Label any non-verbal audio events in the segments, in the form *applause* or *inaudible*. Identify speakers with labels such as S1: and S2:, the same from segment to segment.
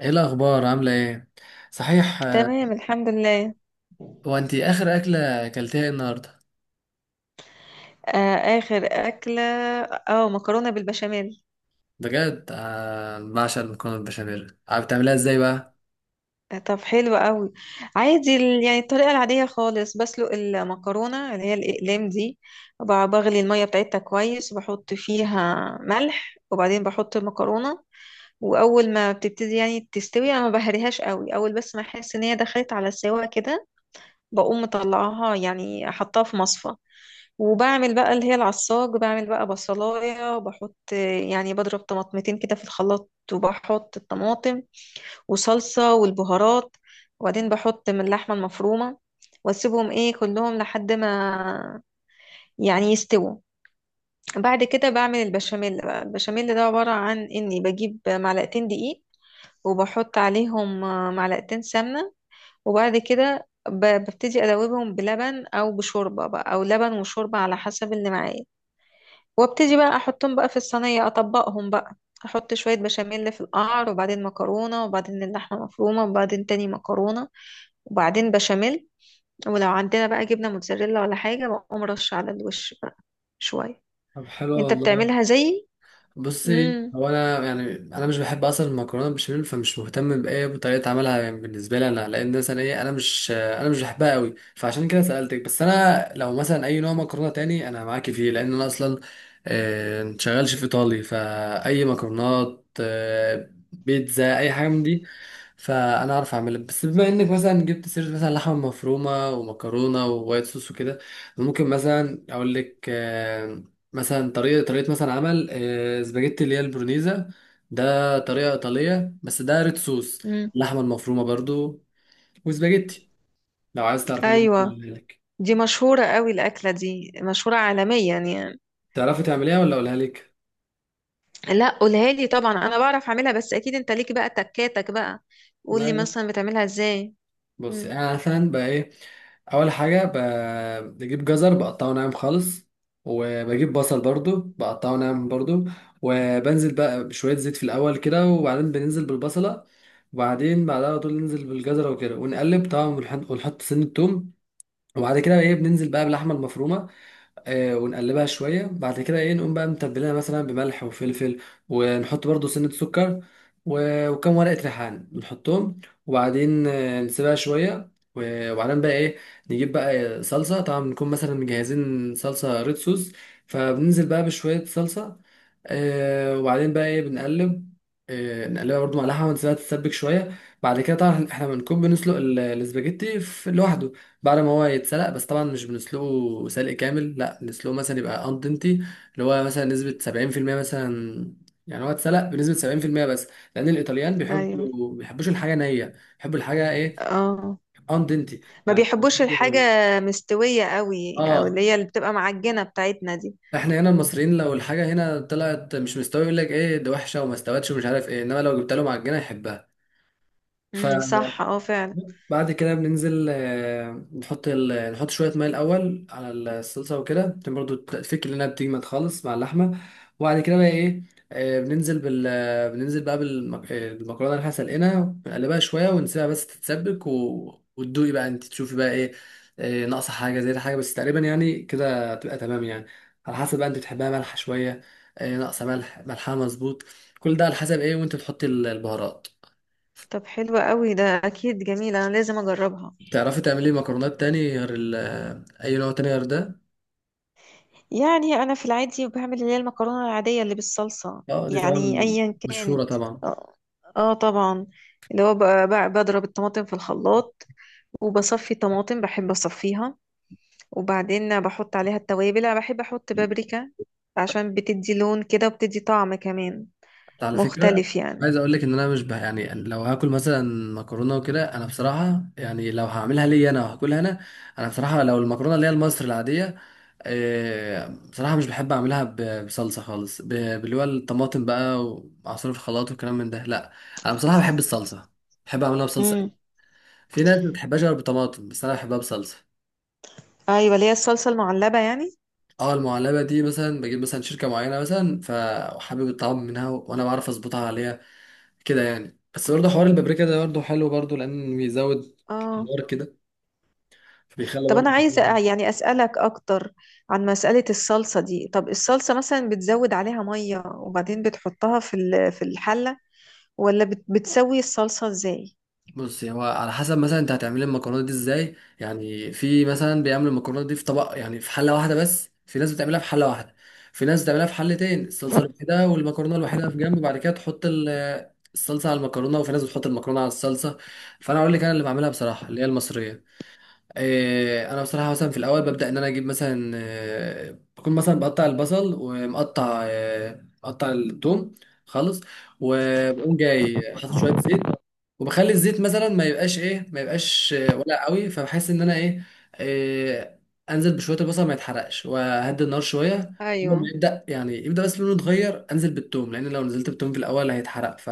S1: ايه الاخبار؟ عامله ايه؟ صحيح، آه.
S2: تمام، الحمد لله.
S1: هو انت اخر اكله اكلتيها إيه النهارده؟
S2: آه، آخر أكلة، اه مكرونة بالبشاميل.
S1: بجد، آه، بعشق المكرونه البشاميل. عارف بتعمليها ازاي بقى؟
S2: آه، طب حلو قوي. عادي، يعني الطريقة العادية خالص، بسلق المكرونة اللي هي الأقلام دي، وب- بغلي المية بتاعتها كويس، وبحط فيها ملح، وبعدين بحط المكرونة. وأول ما بتبتدي يعني تستوي، أنا ما بهريهاش قوي، أول بس ما أحس إن هي دخلت على السوا كده، بقوم مطلعاها، يعني أحطها في مصفى. وبعمل بقى اللي هي العصاج، بعمل بقى بصلاية، بحط يعني بضرب طماطمتين كده في الخلاط، وبحط الطماطم وصلصة والبهارات. وبعدين بحط من اللحمة المفرومة، واسيبهم ايه كلهم لحد ما يعني يستووا. بعد كده بعمل البشاميل بقى. البشاميل ده عبارة عن اني بجيب معلقتين دقيق، وبحط عليهم معلقتين سمنة. وبعد كده ببتدي ادوبهم بلبن او بشوربة بقى، او لبن وشوربة على حسب اللي معايا. وابتدي بقى احطهم بقى في الصينيه، اطبقهم بقى. احط شويه بشاميل في القعر، وبعدين مكرونه، وبعدين اللحمه مفرومه، وبعدين تاني مكرونه، وبعدين بشاميل. ولو عندنا بقى جبنه موتزاريلا ولا حاجه بقوم رش على الوش بقى شويه.
S1: طب حلو
S2: انت
S1: والله.
S2: بتعملها زيي؟
S1: بصي،
S2: امم.
S1: هو انا يعني انا مش بحب اصلا المكرونه بالبشاميل، فمش مهتم بايه بطريقه عملها، يعني بالنسبه لي انا، لان مثلا ايه، انا مش بحبها قوي، فعشان كده سالتك. بس انا لو مثلا اي نوع مكرونه تاني انا معاكي فيه، لان انا اصلا شغال شيف ايطالي، فاي مكرونات، بيتزا، اي حاجه من دي فانا اعرف اعملها. بس بما انك مثلا جبت سيره مثلا لحمه مفرومه ومكرونه ووايت صوص وكده، ممكن مثلا اقول لك، مثلا طريقة مثلا عمل، سباجيتي اللي هي البرونيزا. ده طريقة إيطالية بس ده ريد صوص.
S2: امم.
S1: اللحمة المفرومة برضو، وسباجيتي. لو عايز تعرف، أنا ممكن
S2: ايوه،
S1: أعملها لك.
S2: دي مشهوره قوي، الاكله دي مشهوره عالميا يعني.
S1: تعرفي تعمليها ولا أقولها لك؟
S2: لا، قولها لي. طبعا انا بعرف اعملها، بس اكيد انت ليك بقى تكاتك بقى. قول لي
S1: لا،
S2: مثلا بتعملها ازاي.
S1: بص
S2: امم.
S1: أنا مثلا بقى إيه، أول حاجة بجيب جزر بقطعه ناعم خالص، وبجيب بصل برضو بقطعه ناعم برضو، وبنزل بقى بشوية زيت في الأول كده، وبعدين بننزل بالبصلة، وبعدين بعدها على طول ننزل بالجزرة وكده، ونقلب طبعا، ونحط سن التوم. وبعد كده ايه بننزل بقى باللحمه المفرومه، ونقلبها شويه. بعد كده ايه نقوم بقى متبلينها مثلا بملح وفلفل، ونحط برضو سنه سكر و- وكم ورقه ريحان نحطهم. وبعدين نسيبها شويه. و- وبعدين بقى ايه، نجيب بقى صلصه، طبعا بنكون مثلا مجهزين صلصه ريد صوص، فبننزل بقى بشويه صلصه، وبعدين بقى ايه بنقلب، نقلبها برضو مع لحمة، نسيبها تتسبك شوية. بعد كده طبعا احنا بنكون بنسلق الاسباجيتي في لوحده، بعد ما هو يتسلق، بس طبعا مش بنسلقه سلق كامل، لا، نسلقه مثلا يبقى اندنتي، اللي هو مثلا نسبة 70% مثلا، يعني هو اتسلق بنسبة 70% بس. لأن الإيطاليان
S2: ايوه.
S1: بيحبوش الحاجة نية، بيحبوا الحاجة ايه،
S2: اه.
S1: اندنتي،
S2: ما
S1: يعني مش
S2: بيحبوش
S1: نية
S2: الحاجة
S1: أوي.
S2: مستوية قوي، او
S1: اه،
S2: اللي هي اللي بتبقى معجنة بتاعتنا دي.
S1: احنا هنا المصريين، لو الحاجة هنا طلعت مش مستوية يقول لك ايه ده، وحشة وما استوتش ومش عارف ايه، انما لو جبت له معجنة يحبها. ف،
S2: امم، صح، اه فعلا.
S1: بعد كده بننزل، نحط شوية مية الأول على الصلصة وكده، عشان برضو تفك لنا، بتجمد خالص مع اللحمة. وبعد كده بقى إيه، بننزل بقى بالمكرونة اللي احنا سلقنا، بنقلبها شوية ونسيبها بس تتسبك، و... وتدوقي بقى أنت، تشوفي بقى إيه، ناقصة حاجة زي حاجة، بس تقريبا يعني كده تبقى تمام يعني، على حسب بقى أنت بتحبها مالحة شوية، ناقصة ملح، ملحها مظبوط. كل ده على حسب إيه وأنت بتحطي البهارات.
S2: طب حلوة قوي، ده اكيد جميلة، انا لازم اجربها.
S1: تعرفي تعملي مكرونات تاني غير أي نوع تاني غير ده؟
S2: يعني انا في العادي بعمل اللي هي المكرونة العادية اللي بالصلصة،
S1: اه، دي
S2: يعني
S1: طبعا
S2: ايا
S1: مشهورة
S2: كانت.
S1: طبعا.
S2: اه. آه طبعا. اللي هو بضرب الطماطم في الخلاط، وبصفي طماطم، بحب اصفيها. وبعدين بحط عليها التوابل، انا بحب احط بابريكا، عشان بتدي لون كده وبتدي طعم كمان
S1: حتى على فكرة،
S2: مختلف يعني.
S1: عايز أقول لك إن أنا مش يعني لو هاكل مثلا مكرونة وكده، أنا بصراحة يعني لو هعملها لي أنا وهاكلها أنا، أنا بصراحة لو المكرونة اللي هي المصري العادية، بصراحة مش بحب أعملها بصلصة خالص، باللي هو الطماطم بقى، ومع صوص الخلاط والكلام من ده لأ. أنا بصراحة بحب الصلصة، بحب أعملها بصلصة أوي.
S2: مم.
S1: في ناس ما بتحبهاش غير بطماطم، بس أنا بحبها بصلصة.
S2: ايوه، اللي هي الصلصه المعلبه يعني.
S1: اه، المعلبة دي مثلا بجيب مثلا شركة معينة، مثلا فحابب الطعام منها، وأنا بعرف أظبطها عليها كده يعني. بس برضه حوار البابريكا ده برضه حلو برضه، لأن بيزود
S2: اه.
S1: الحوار كده، فبيخلي
S2: طب انا
S1: برضه.
S2: عايزه يعني اسالك اكتر عن مساله الصلصه دي. طب الصلصه مثلا بتزود عليها ميه وبعدين بتحطها في الحله، ولا بتسوي الصلصه ازاي؟
S1: بصي، هو على حسب مثلا انت هتعملي المكرونه دي ازاي. يعني في مثلا بيعملوا المكرونه دي في طبق، يعني في حله واحده بس. في ناس بتعملها في حله واحده، في ناس بتعملها في حلتين، الصلصه الوحيده والمكرونه الوحيده في جنب، بعد كده تحط الصلصه على المكرونه، وفي ناس بتحط المكرونه على الصلصه. فانا اقول لك، انا اللي بعملها بصراحه اللي هي المصريه، انا بصراحه مثلا في الاول ببدا ان انا اجيب مثلا، بكون مثلا بقطع البصل، ومقطع آه، مقطع الثوم خالص. وبقوم جاي حاطط شويه زيت، وبخلي الزيت مثلا ما يبقاش ولا قوي، فبحس ان انا ايه، آه، انزل بشويه البصل ما يتحرقش، واهدي النار شويه. اول ما
S2: ايوه.
S1: يبدا بس لونه يتغير، انزل بالثوم، لان لو نزلت بالثوم في الاول هيتحرق، ف،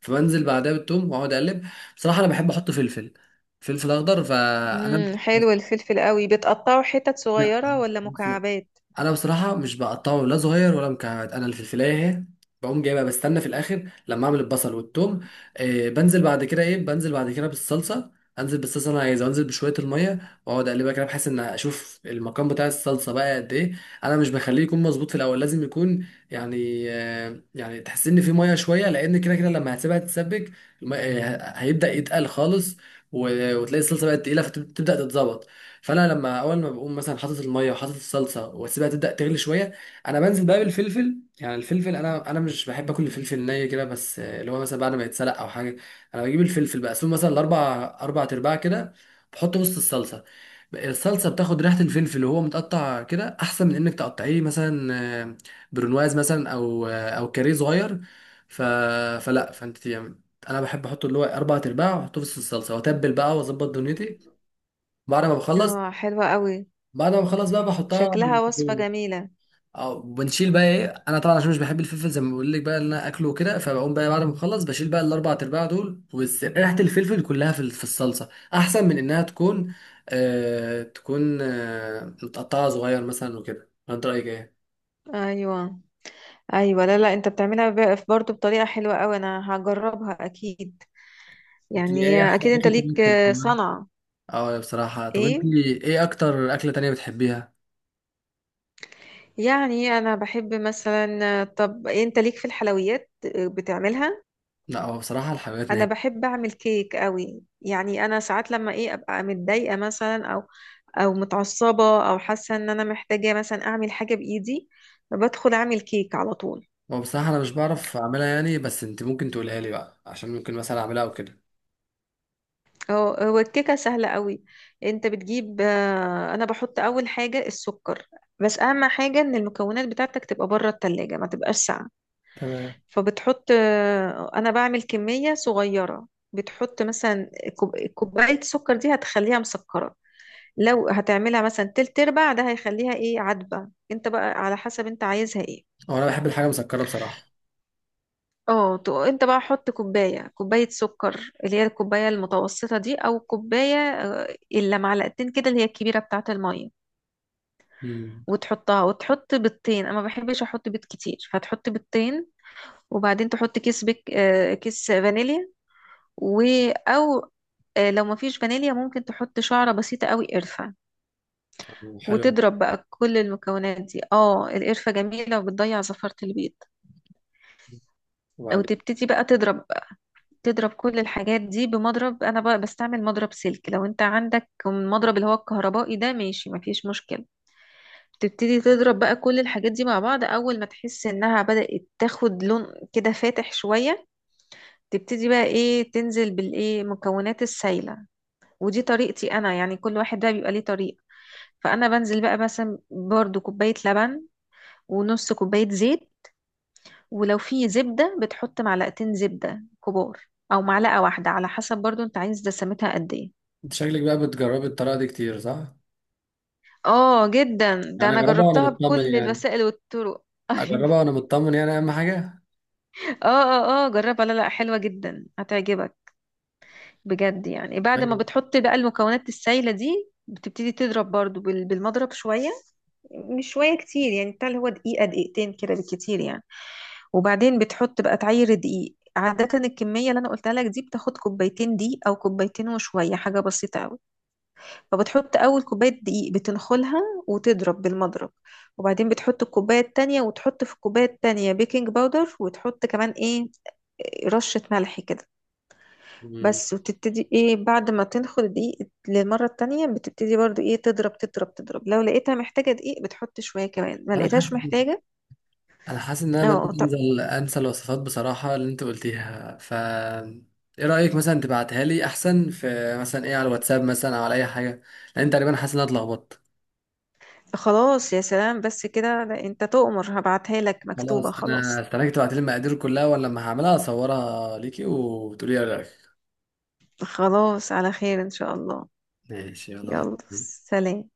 S1: فبنزل بعدها بالثوم، واقعد اقلب. بصراحه انا بحب احط فلفل، فلفل اخضر، فانا،
S2: امم، حلو الفلفل قوي. بتقطعه حتت
S1: لا،
S2: صغيره ولا مكعبات؟
S1: انا بصراحه مش بقطعه لا صغير ولا مكعبات. انا اللي في الفلايه اهي بقوم جايبها، بستنى في الاخر لما اعمل البصل والثوم. بنزل بعد كده بالصلصه. انزل بالصلصه اللي انا عايزها، وانزل بشويه الميه، واقعد اقلبها كده، بحيث ان اشوف المقام بتاع الصلصه بقى قد ايه. انا مش بخليه يكون مظبوط في الاول، لازم يكون يعني، آه، يعني تحس ان في ميه شويه، لان كده كده لما هتسيبها تتسبك هيبدا يتقل خالص، و- وتلاقي الصلصه بقت تقيله، فتبدا تتظبط. فانا لما اول ما بقوم مثلا حاطط الميه وحاطط الصلصه، واسيبها تبدا تغلي شويه، انا بنزل بقى بالفلفل. يعني الفلفل، انا مش بحب اكل الفلفل ني كده، بس اللي هو مثلا بعد ما يتسلق او حاجه. انا بجيب الفلفل بقى، اسيبه مثلا اربع ارباع كده، بحطه وسط الصلصه. الصلصه بتاخد ريحه الفلفل وهو متقطع كده، احسن من انك تقطعيه مثلا آه، برونواز مثلا، او كاريه صغير. ف... فلا، فانت يعني، انا بحب احطه اللي هو اربع ارباع، واحطه في وسط الصلصه، واتبل بقى واظبط دنيتي. بعد ما بخلص،
S2: اه حلوه قوي،
S1: بعد ما خلاص بقى بحطها على
S2: شكلها وصفه
S1: الميكرويف،
S2: جميله.
S1: او بنشيل بقى ايه. انا طبعا عشان مش بحب الفلفل زي ما بقول لك بقى ان انا اكله كده، فبقوم بقى بعد ما اخلص بشيل بقى الاربع ارباع دول، وبس ريحه الفلفل كلها في في الصلصه، احسن من انها تكون تكون متقطعه صغير مثلا وكده. انت رايك ايه؟
S2: ايوه، ايوه، لا لا، انت بتعملها برضه بطريقه حلوه قوي، انا هجربها اكيد.
S1: انت
S2: يعني
S1: ايه احسن
S2: اكيد انت
S1: اكله تانية
S2: ليك
S1: بتحبيها؟
S2: صنعه.
S1: اه بصراحه، طب انت
S2: ايه؟
S1: ايه اكتر اكله تانية بتحبيها؟
S2: يعني انا بحب مثلا، طب انت ليك في الحلويات بتعملها؟
S1: لا، هو بصراحه الحلويات
S2: انا
S1: نهائي.
S2: بحب اعمل كيك قوي يعني. انا ساعات لما ايه ابقى متضايقه مثلا، او متعصبه، او حاسه ان انا محتاجه مثلا اعمل حاجه بايدي، بدخل اعمل كيك على طول.
S1: هو بصراحه انا مش بعرف اعملها يعني، بس انت ممكن تقولها لي بقى عشان ممكن مثلا اعملها او كده.
S2: هو الكيكه سهله قوي. انت بتجيب انا بحط اول حاجه السكر. بس اهم حاجه ان المكونات بتاعتك تبقى بره التلاجة، ما تبقاش ساقعه.
S1: تمام.
S2: فبتحط انا بعمل كمية صغيرة. بتحط مثلا كوباية سكر، دي هتخليها مسكرة. لو هتعملها مثلا تلت ارباع ده هيخليها ايه عدبة، انت بقى على حسب انت عايزها ايه.
S1: هو انا بحب الحاجه مسكره بصراحه.
S2: اه، انت بقى حط كوباية كوباية سكر، اللي هي الكوباية المتوسطة دي، او كوباية الا معلقتين كده، اللي هي الكبيرة بتاعة المية.
S1: امم.
S2: وتحطها وتحط بيضتين، انا ما بحبش احط بيض كتير، فتحط بيضتين. وبعدين تحط كيس فانيليا. و او آه، لو مفيش فانيليا، ممكن تحط شعرة بسيطة قوي قرفة.
S1: حلو.
S2: وتضرب بقى كل المكونات دي، اه القرفة جميلة وبتضيع زفرة البيض. او
S1: وبعدين؟
S2: تبتدي بقى تضرب. تضرب كل الحاجات دي بمضرب، انا بقى بستعمل مضرب سلك، لو انت عندك المضرب اللي هو الكهربائي ده ماشي، مفيش مشكلة. تبتدي تضرب بقى كل الحاجات دي مع بعض، اول ما تحس انها بدأت تاخد لون كده فاتح شوية، تبتدي بقى ايه تنزل بالايه مكونات السايلة. ودي طريقتي انا يعني، كل واحد بقى بيبقى ليه طريقة. فانا بنزل بقى مثلا برضو كوبايه لبن، ونص كوبايه زيت. ولو في زبده بتحط معلقتين زبده كبار، او معلقه واحده على حسب برضو انت عايز دسمتها قد ايه.
S1: انت شكلك بقى بتجربي الطريقه دي كتير صح؟
S2: اه جدا، ده
S1: يعني
S2: انا
S1: اجربها وانا
S2: جربتها
S1: مطمن
S2: بكل
S1: يعني
S2: الوسائل والطرق *laughs* أيوة.
S1: اجربها وانا مطمن يعني اهم حاجه.
S2: اه اه اه جربها، لا لا حلوه جدا هتعجبك بجد يعني. بعد ما
S1: ايوه.
S2: بتحط بقى المكونات السايله دي بتبتدي تضرب برضو بالمضرب شويه، مش شوية كتير يعني، بتاع اللي هو دقيقة دقيقتين كده بالكتير يعني. وبعدين بتحط بقى تعير دقيق، عادة الكمية اللي أنا قلتها لك دي بتاخد كوبايتين دقيق أو كوبايتين وشوية حاجة بسيطة أوي. فبتحط أول كوباية دقيق بتنخلها، وتضرب بالمضرب. وبعدين بتحط الكوباية التانية، وتحط في الكوباية التانية بيكنج باودر، وتحط كمان إيه رشة ملح كده
S1: امم
S2: بس. وتبتدي ايه بعد ما تنخل دقيق للمرة التانية، بتبتدي برضو ايه تضرب تضرب تضرب، لو لقيتها محتاجة دقيق بتحط شوية كمان، ما
S1: انا
S2: لقيتهاش
S1: حاسس
S2: محتاجة.
S1: انا حاسس ان انا
S2: اه.
S1: بدات
S2: طب
S1: انزل انسى الوصفات بصراحه اللي انت قلتيها. ف، ايه رايك مثلا تبعتها لي احسن، في مثلا ايه، على الواتساب مثلا او على اي حاجه، لان انت تقريبا حاسس ان انا اتلخبطت.
S2: خلاص يا سلام، بس كده، ده انت تؤمر، هبعتها لك مكتوبة
S1: خلاص، انا
S2: خلاص.
S1: استناك تبعتي لي المقادير كلها، ولا لما هعملها اصورها ليكي وتقولي لي رايك؟
S2: خلاص، على خير ان شاء الله.
S1: ماشي، يلا.
S2: يلا. سلام.